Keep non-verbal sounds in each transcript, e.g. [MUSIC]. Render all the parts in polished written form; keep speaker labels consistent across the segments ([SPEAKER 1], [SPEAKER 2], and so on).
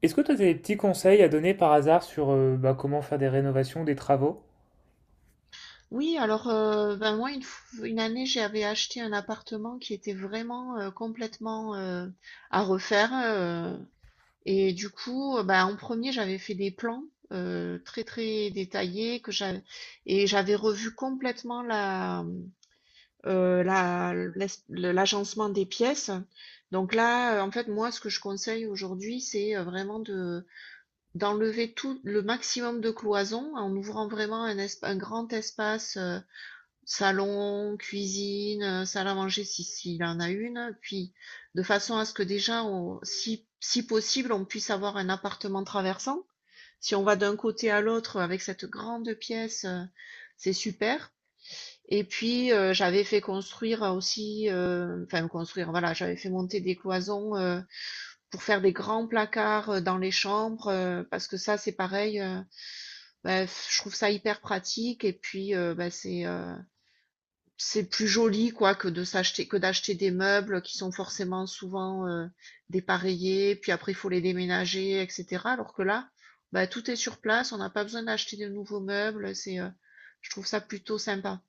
[SPEAKER 1] Est-ce que toi, tu as des petits conseils à donner par hasard sur bah, comment faire des rénovations, des travaux?
[SPEAKER 2] Oui, alors ben moi une année j'avais acheté un appartement qui était vraiment complètement à refaire et du coup ben, en premier j'avais fait des plans très très détaillés que j'avais et j'avais revu complètement la l'agencement des pièces. Donc là en fait moi ce que je conseille aujourd'hui c'est vraiment de d'enlever tout le maximum de cloisons en ouvrant vraiment un grand espace salon, cuisine, salle à manger si s'il en a une, puis de façon à ce que déjà on si possible, on puisse avoir un appartement traversant. Si on va d'un côté à l'autre avec cette grande pièce, c'est super et puis, j'avais fait construire aussi, enfin construire, voilà, j'avais fait monter des cloisons, pour faire des grands placards, dans les chambres, parce que ça, c'est pareil, bah, je trouve ça hyper pratique et puis, bah, c'est plus joli quoi que de s'acheter que d'acheter des meubles qui sont forcément souvent, dépareillés, puis après il faut les déménager et cetera. Alors que là, bah, tout est sur place, on n'a pas besoin d'acheter de nouveaux meubles, je trouve ça plutôt sympa.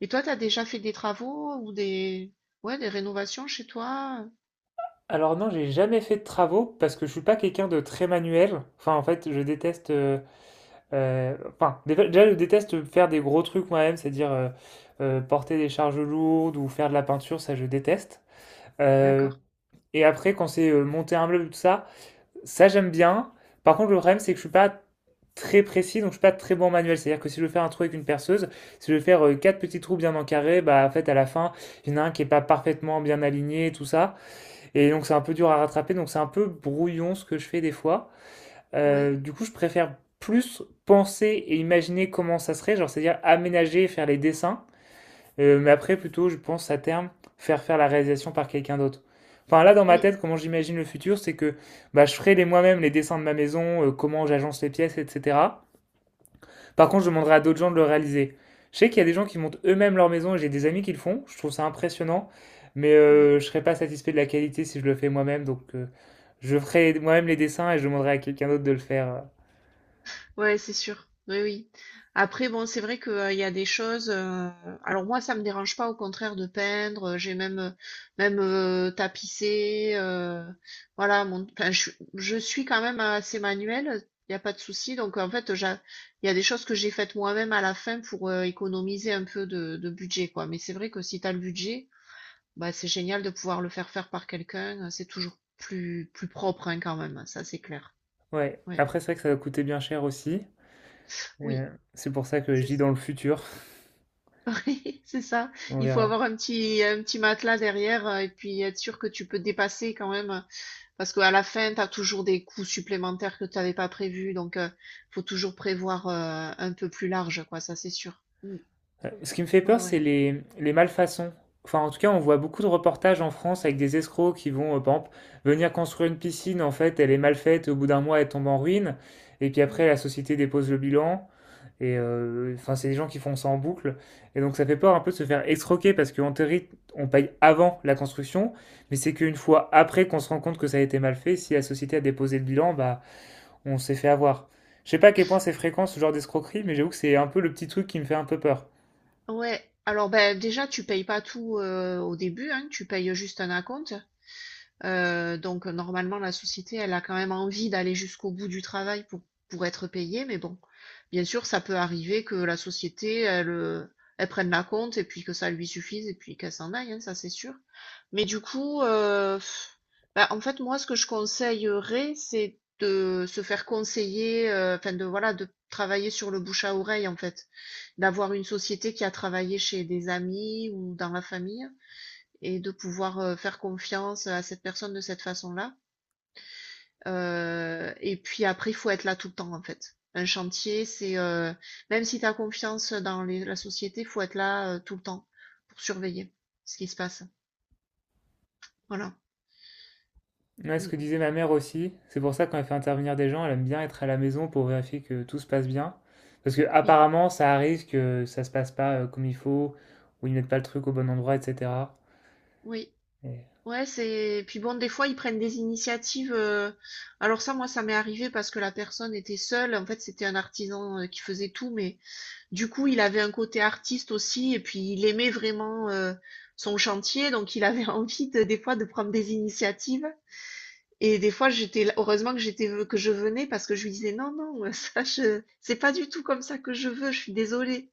[SPEAKER 2] Et toi, tu as déjà fait des travaux ou des ouais, des rénovations chez toi?
[SPEAKER 1] Alors non, j'ai jamais fait de travaux parce que je suis pas quelqu'un de très manuel. Enfin, en fait, je déteste. Enfin, déjà, je déteste faire des gros trucs moi-même, c'est-à-dire porter des charges lourdes ou faire de la peinture, ça, je déteste. Euh,
[SPEAKER 2] D'accord,
[SPEAKER 1] et après, quand c'est monter un meuble, tout ça. Ça, j'aime bien. Par contre, le problème, c'est que je suis pas très précis, donc je suis pas très bon en manuel. C'est-à-dire que si je veux faire un trou avec une perceuse, si je veux faire quatre petits trous bien encarrés, bah en fait à la fin, il y en a un qui est pas parfaitement bien aligné, et tout ça. Et donc c'est un peu dur à rattraper, donc c'est un peu brouillon ce que je fais des fois.
[SPEAKER 2] ouais,
[SPEAKER 1] Du coup, je préfère plus penser et imaginer comment ça serait, genre c'est-à-dire aménager, faire les dessins, mais après, plutôt, je pense à terme faire faire la réalisation par quelqu'un d'autre. Enfin, là, dans ma
[SPEAKER 2] oui,
[SPEAKER 1] tête, comment j'imagine le futur, c'est que bah, je ferai les moi-même les dessins de ma maison, comment j'agence les pièces, etc. Par contre, je demanderai à d'autres gens de le réaliser. Je sais qu'il y a des gens qui montent eux-mêmes leur maison et j'ai des amis qui le font. Je trouve ça impressionnant, mais
[SPEAKER 2] ouais.
[SPEAKER 1] je ne serais pas satisfait de la qualité si je le fais moi-même. Donc, je ferai moi-même les dessins et je demanderai à quelqu'un d'autre de le faire.
[SPEAKER 2] Ouais, c'est sûr. Oui, oui. Après, bon, c'est vrai que, il y a des choses, alors moi, ça me dérange pas, au contraire, de peindre. J'ai même tapissé. Voilà, enfin, je suis quand même assez manuelle. Il n'y a pas de souci. Donc en fait, il y a des choses que j'ai faites moi-même à la fin pour économiser un peu de budget, quoi. Mais c'est vrai que si tu as le budget, bah c'est génial de pouvoir le faire faire par quelqu'un. C'est toujours plus propre, hein, quand même. Ça, c'est clair.
[SPEAKER 1] Ouais.
[SPEAKER 2] Ouais.
[SPEAKER 1] Après, c'est vrai que ça va coûter bien cher aussi. Et,
[SPEAKER 2] Oui.
[SPEAKER 1] euh, c'est pour ça que je
[SPEAKER 2] C'est
[SPEAKER 1] dis
[SPEAKER 2] ça.
[SPEAKER 1] dans le futur.
[SPEAKER 2] [LAUGHS] C'est ça.
[SPEAKER 1] On
[SPEAKER 2] Il faut
[SPEAKER 1] verra.
[SPEAKER 2] avoir un petit matelas derrière et puis être sûr que tu peux te dépasser quand même. Parce qu'à la fin, tu as toujours des coûts supplémentaires que tu n'avais pas prévus. Donc, il faut toujours prévoir un peu plus large, quoi. Ça, c'est sûr. Mm.
[SPEAKER 1] Ce qui me fait
[SPEAKER 2] Ouais,
[SPEAKER 1] peur, c'est
[SPEAKER 2] ouais.
[SPEAKER 1] les malfaçons. Enfin, en tout cas, on voit beaucoup de reportages en France avec des escrocs qui vont, par exemple, venir construire une piscine. En fait, elle est mal faite. Au bout d'un mois, elle tombe en ruine. Et puis après,
[SPEAKER 2] Mm.
[SPEAKER 1] la société dépose le bilan. Et enfin, c'est des gens qui font ça en boucle. Et donc, ça fait peur un peu de se faire escroquer parce qu'en théorie, on paye avant la construction. Mais c'est qu'une fois après qu'on se rend compte que ça a été mal fait, si la société a déposé le bilan, bah, on s'est fait avoir. Je sais pas à quel point c'est fréquent ce genre d'escroquerie, mais j'avoue que c'est un peu le petit truc qui me fait un peu peur.
[SPEAKER 2] Ouais. Alors, ben, déjà, tu payes pas tout au début. Hein. Tu payes juste un acompte. Donc normalement, la société, elle a quand même envie d'aller jusqu'au bout du travail pour être payée, mais bon, bien sûr, ça peut arriver que la société, elle prenne la compte et puis que ça lui suffise et puis qu'elle s'en aille, hein, ça c'est sûr. Mais du coup, bah, en fait, moi, ce que je conseillerais, c'est de se faire conseiller, enfin de voilà, de travailler sur le bouche à oreille, en fait. D'avoir une société qui a travaillé chez des amis ou dans la famille et de pouvoir faire confiance à cette personne de cette façon-là. Et puis après, il faut être là tout le temps, en fait. Un chantier, c'est même si tu as confiance dans la société, il faut être là tout le temps pour surveiller ce qui se passe. Voilà.
[SPEAKER 1] Ouais, ce
[SPEAKER 2] Mm.
[SPEAKER 1] que disait ma mère aussi, c'est pour ça que quand elle fait intervenir des gens, elle aime bien être à la maison pour vérifier que tout se passe bien. Parce que
[SPEAKER 2] Oui,
[SPEAKER 1] apparemment, ça arrive que ça se passe pas comme il faut, ou ils mettent pas le truc au bon endroit, etc.
[SPEAKER 2] oui.
[SPEAKER 1] Et-
[SPEAKER 2] Ouais, c'est. puis bon, des fois, ils prennent des initiatives. Alors ça, moi, ça m'est arrivé parce que la personne était seule. En fait, c'était un artisan qui faisait tout, mais du coup, il avait un côté artiste aussi et puis il aimait vraiment, son chantier, donc il avait [LAUGHS] envie de des fois de prendre des initiatives et des fois j'étais là, heureusement que je venais, parce que je lui disais: «Non, non, [LAUGHS] ça je c'est pas du tout comme ça que je veux, je suis désolée».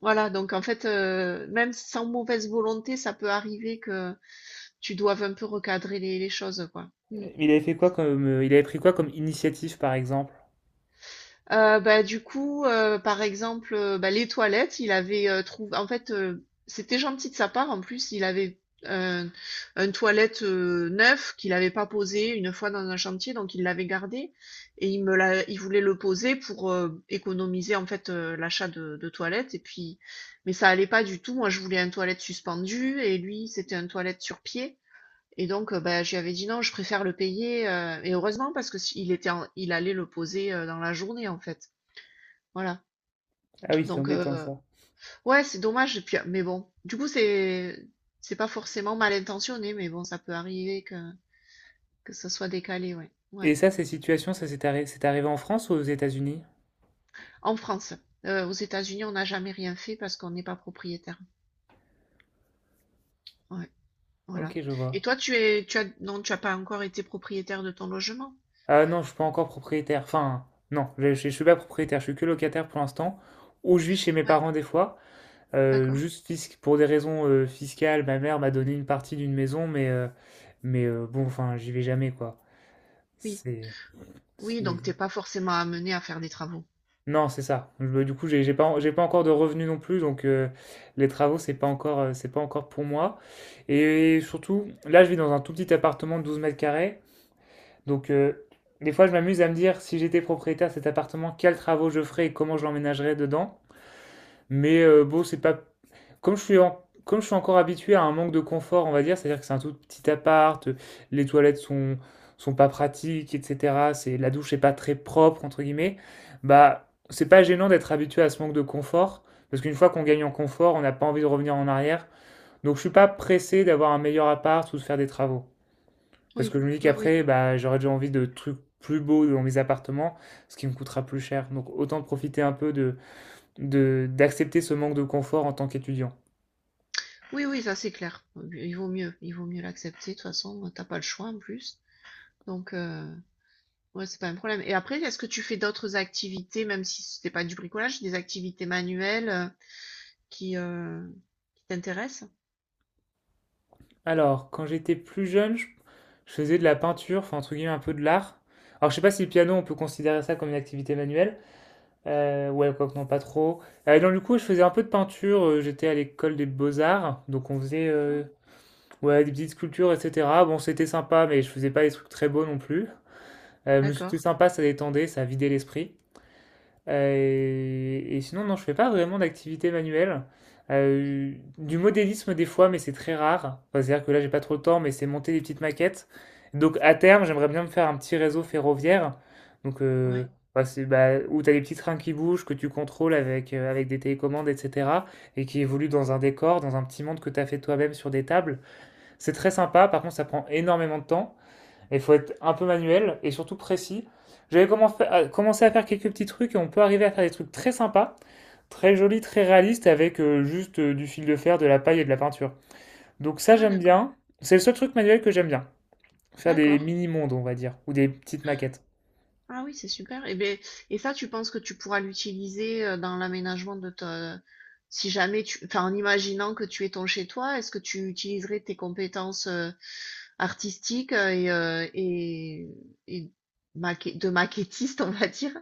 [SPEAKER 2] Voilà, donc en fait, même sans mauvaise volonté, ça peut arriver que tu doives un peu recadrer les choses, quoi. Mmh.
[SPEAKER 1] Il avait fait quoi il avait pris quoi comme initiative, par exemple?
[SPEAKER 2] Bah, du coup, par exemple, bah, les toilettes, il avait, trouv en fait, c'était gentil de sa part. En plus, il avait un un toilette, neuf qu'il n'avait pas posé une fois dans un chantier, donc il l'avait gardé et il me l'a il voulait le poser pour, économiser, en fait, l'achat de toilettes et puis mais ça allait pas du tout. Moi, je voulais un toilette suspendu et lui, c'était un toilette sur pied, et donc, bah, je lui avais dit: «Non, je préfère le payer», et heureusement, parce que si il était en il allait le poser, dans la journée, en fait. Voilà,
[SPEAKER 1] Ah oui, c'est
[SPEAKER 2] donc
[SPEAKER 1] embêtant ça.
[SPEAKER 2] ouais, c'est dommage et puis, mais bon, du coup, c'est pas forcément mal intentionné, mais bon, ça peut arriver que ça soit décalé, ouais, ouais.
[SPEAKER 1] Et ça, ces situations, ça c'est arrivé en France ou aux États-Unis?
[SPEAKER 2] En France, aux États-Unis, on n'a jamais rien fait parce qu'on n'est pas propriétaire. Ouais, voilà.
[SPEAKER 1] Ok, je vois.
[SPEAKER 2] Et toi, tu es tu as non, tu as pas encore été propriétaire de ton logement?
[SPEAKER 1] Ah non, je suis pas encore propriétaire. Enfin, non, je suis pas propriétaire, je suis que locataire pour l'instant. Ou je vis chez mes
[SPEAKER 2] Ouais,
[SPEAKER 1] parents des fois.
[SPEAKER 2] d'accord.
[SPEAKER 1] Juste pour des raisons fiscales, ma mère m'a donné une partie d'une maison, mais bon, enfin, j'y vais jamais, quoi.
[SPEAKER 2] Oui,
[SPEAKER 1] C'est,
[SPEAKER 2] oui, donc
[SPEAKER 1] c'est-
[SPEAKER 2] t'es pas forcément amené à faire des travaux.
[SPEAKER 1] Non, c'est ça. Du coup, j'ai pas, j'ai pas encore de revenus non plus, donc les travaux, c'est pas encore pour moi. Et surtout, là, je vis dans un tout petit appartement de 12 m², donc des fois, je m'amuse à me dire, si j'étais propriétaire de cet appartement, quels travaux je ferais et comment je l'emménagerais dedans. Mais bon, c'est pas. Comme je suis encore habitué à un manque de confort, on va dire, c'est-à-dire que c'est un tout petit appart, les toilettes sont, sont pas pratiques, etc. C'est, la douche n'est pas très propre, entre guillemets, bah, c'est pas gênant d'être habitué à ce manque de confort, parce qu'une fois qu'on gagne en confort, on n'a pas envie de revenir en arrière. Donc je suis
[SPEAKER 2] Mmh.
[SPEAKER 1] pas pressé d'avoir un meilleur appart ou de faire des travaux. Parce que
[SPEAKER 2] Oui,
[SPEAKER 1] je me dis
[SPEAKER 2] oui, oui.
[SPEAKER 1] qu'après, bah, j'aurais déjà envie de trucs plus beaux dans mes appartements, ce qui me coûtera plus cher. Donc autant profiter un peu de, d'accepter ce manque de confort en tant qu'étudiant.
[SPEAKER 2] Oui, oui, ça, c'est clair. Il vaut mieux l'accepter, de toute façon, t'as pas le choix, en plus, donc. Ouais, c'est pas un problème. Et après, est-ce que tu fais d'autres activités, même si c'était pas du bricolage, des activités manuelles qui, euh, qui t'intéressent?
[SPEAKER 1] Alors, quand j'étais plus jeune, je faisais de la peinture, enfin entre guillemets un peu de l'art. Alors je sais pas si le piano on peut considérer ça comme une activité manuelle. Ouais, quoi que non, pas trop. Donc du coup, je faisais un peu de peinture. J'étais à l'école des beaux-arts, donc on faisait
[SPEAKER 2] Ah,
[SPEAKER 1] ouais des petites sculptures, etc. Bon, c'était sympa, mais je faisais pas des trucs très beaux non plus. Mais
[SPEAKER 2] d'accord,
[SPEAKER 1] c'était sympa, ça détendait, ça vidait l'esprit. Et sinon, non, je fais pas vraiment d'activité manuelle. Euh, du modélisme des fois, mais c'est très rare. Enfin, c'est-à-dire que là, j'ai pas trop le temps, mais c'est monter des petites maquettes. Donc à terme,
[SPEAKER 2] d'accord.
[SPEAKER 1] j'aimerais bien me faire un petit réseau ferroviaire. Donc
[SPEAKER 2] Ouais,
[SPEAKER 1] bah, bah, où tu as des petits trains qui bougent, que tu contrôles avec, avec des télécommandes, etc. Et qui évoluent dans un décor, dans un petit monde que tu as fait toi-même sur des tables. C'est très sympa, par contre ça prend énormément de temps. Il faut être un peu manuel et surtout précis. J'avais commencé à faire quelques petits trucs et on peut arriver à faire des trucs très sympas, très jolis, très réalistes avec juste du fil de fer, de la paille et de la peinture. Donc ça
[SPEAKER 2] ouais,
[SPEAKER 1] j'aime
[SPEAKER 2] d'accord,
[SPEAKER 1] bien. C'est le seul truc manuel que j'aime bien. Faire des
[SPEAKER 2] d'accord.
[SPEAKER 1] mini-mondes, on va dire, ou des petites maquettes.
[SPEAKER 2] Ah oui, c'est super. Et ben, et ça, tu penses que tu pourras l'utiliser dans l'aménagement de ta, si jamais tu, enfin, en imaginant que tu es ton chez toi, est-ce que tu utiliserais tes compétences artistiques et de maquettiste, on va dire?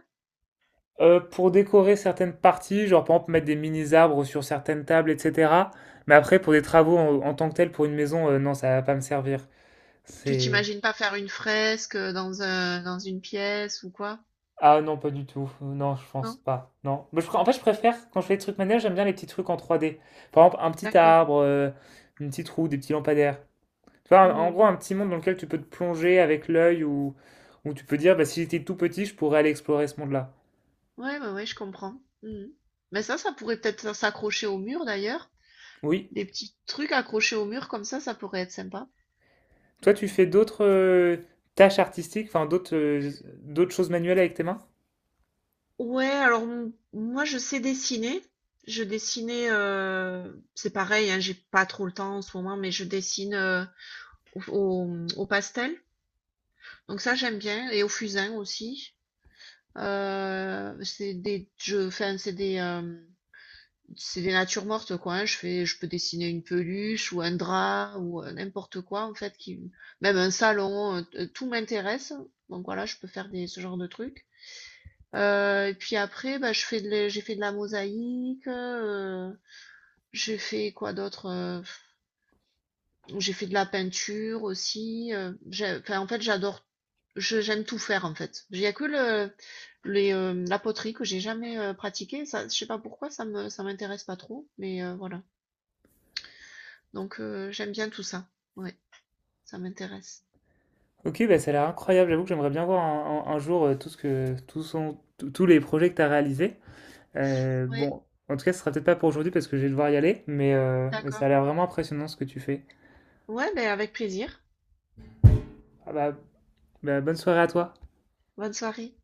[SPEAKER 1] Pour décorer certaines parties, genre par exemple mettre des mini-arbres sur certaines tables, etc. Mais après, pour des travaux en, en tant que tels, pour une maison, non, ça va pas me servir.
[SPEAKER 2] Tu
[SPEAKER 1] C'est
[SPEAKER 2] t'imagines pas faire une fresque dans une pièce ou quoi?
[SPEAKER 1] Ah non, pas du tout. Non, je pense
[SPEAKER 2] Non?
[SPEAKER 1] pas. Non. Mais en fait, je préfère, quand je fais des trucs manuels, j'aime bien les petits trucs en 3D. Par exemple, un petit
[SPEAKER 2] D'accord.
[SPEAKER 1] arbre, une petite roue, des petits lampadaires. Tu vois, en
[SPEAKER 2] Hmm.
[SPEAKER 1] gros, un petit monde dans lequel tu peux te plonger avec l'œil ou tu peux dire, bah, si j'étais tout petit, je pourrais aller explorer ce monde-là.
[SPEAKER 2] Ouais, ouais, ouais, je comprends. Hmm. Mais ça pourrait peut-être s'accrocher au mur d'ailleurs.
[SPEAKER 1] Oui.
[SPEAKER 2] Des petits trucs accrochés au mur comme ça pourrait être sympa.
[SPEAKER 1] Toi, tu fais d'autres tâches artistiques, enfin d'autres choses manuelles avec tes mains?
[SPEAKER 2] Ouais, alors moi je sais dessiner. Je dessinais, c'est pareil, hein, j'ai pas trop le temps en ce moment, mais je dessine au pastel. Donc ça j'aime bien, et au fusain aussi. Enfin , c'est des natures mortes, quoi, hein. Je peux dessiner une peluche ou un drap ou n'importe quoi, en fait, qui, même un salon, tout m'intéresse. Donc voilà, je peux faire ce genre de trucs. Et puis après, bah, j'ai fait de la mosaïque, j'ai fait quoi d'autre? J'ai fait de la peinture aussi. Enfin, en fait, j'adore, j'aime tout faire, en fait. Il y a que la poterie que j'ai jamais pratiquée. Ça, je sais pas pourquoi, ça m'intéresse pas trop, mais voilà. Donc, j'aime bien tout ça. Ouais, ça m'intéresse.
[SPEAKER 1] Ok, bah, ça a l'air incroyable. J'avoue que j'aimerais bien voir un jour tout ce que, tout son- tous les projets que tu as réalisés.
[SPEAKER 2] Ouais,
[SPEAKER 1] Bon, en tout cas, ce sera peut-être pas pour aujourd'hui parce que je vais devoir y aller, mais ça a
[SPEAKER 2] d'accord.
[SPEAKER 1] l'air vraiment impressionnant ce que tu fais.
[SPEAKER 2] Ouais, beh, avec plaisir.
[SPEAKER 1] Ah bah, bonne soirée à toi.
[SPEAKER 2] Bonne soirée.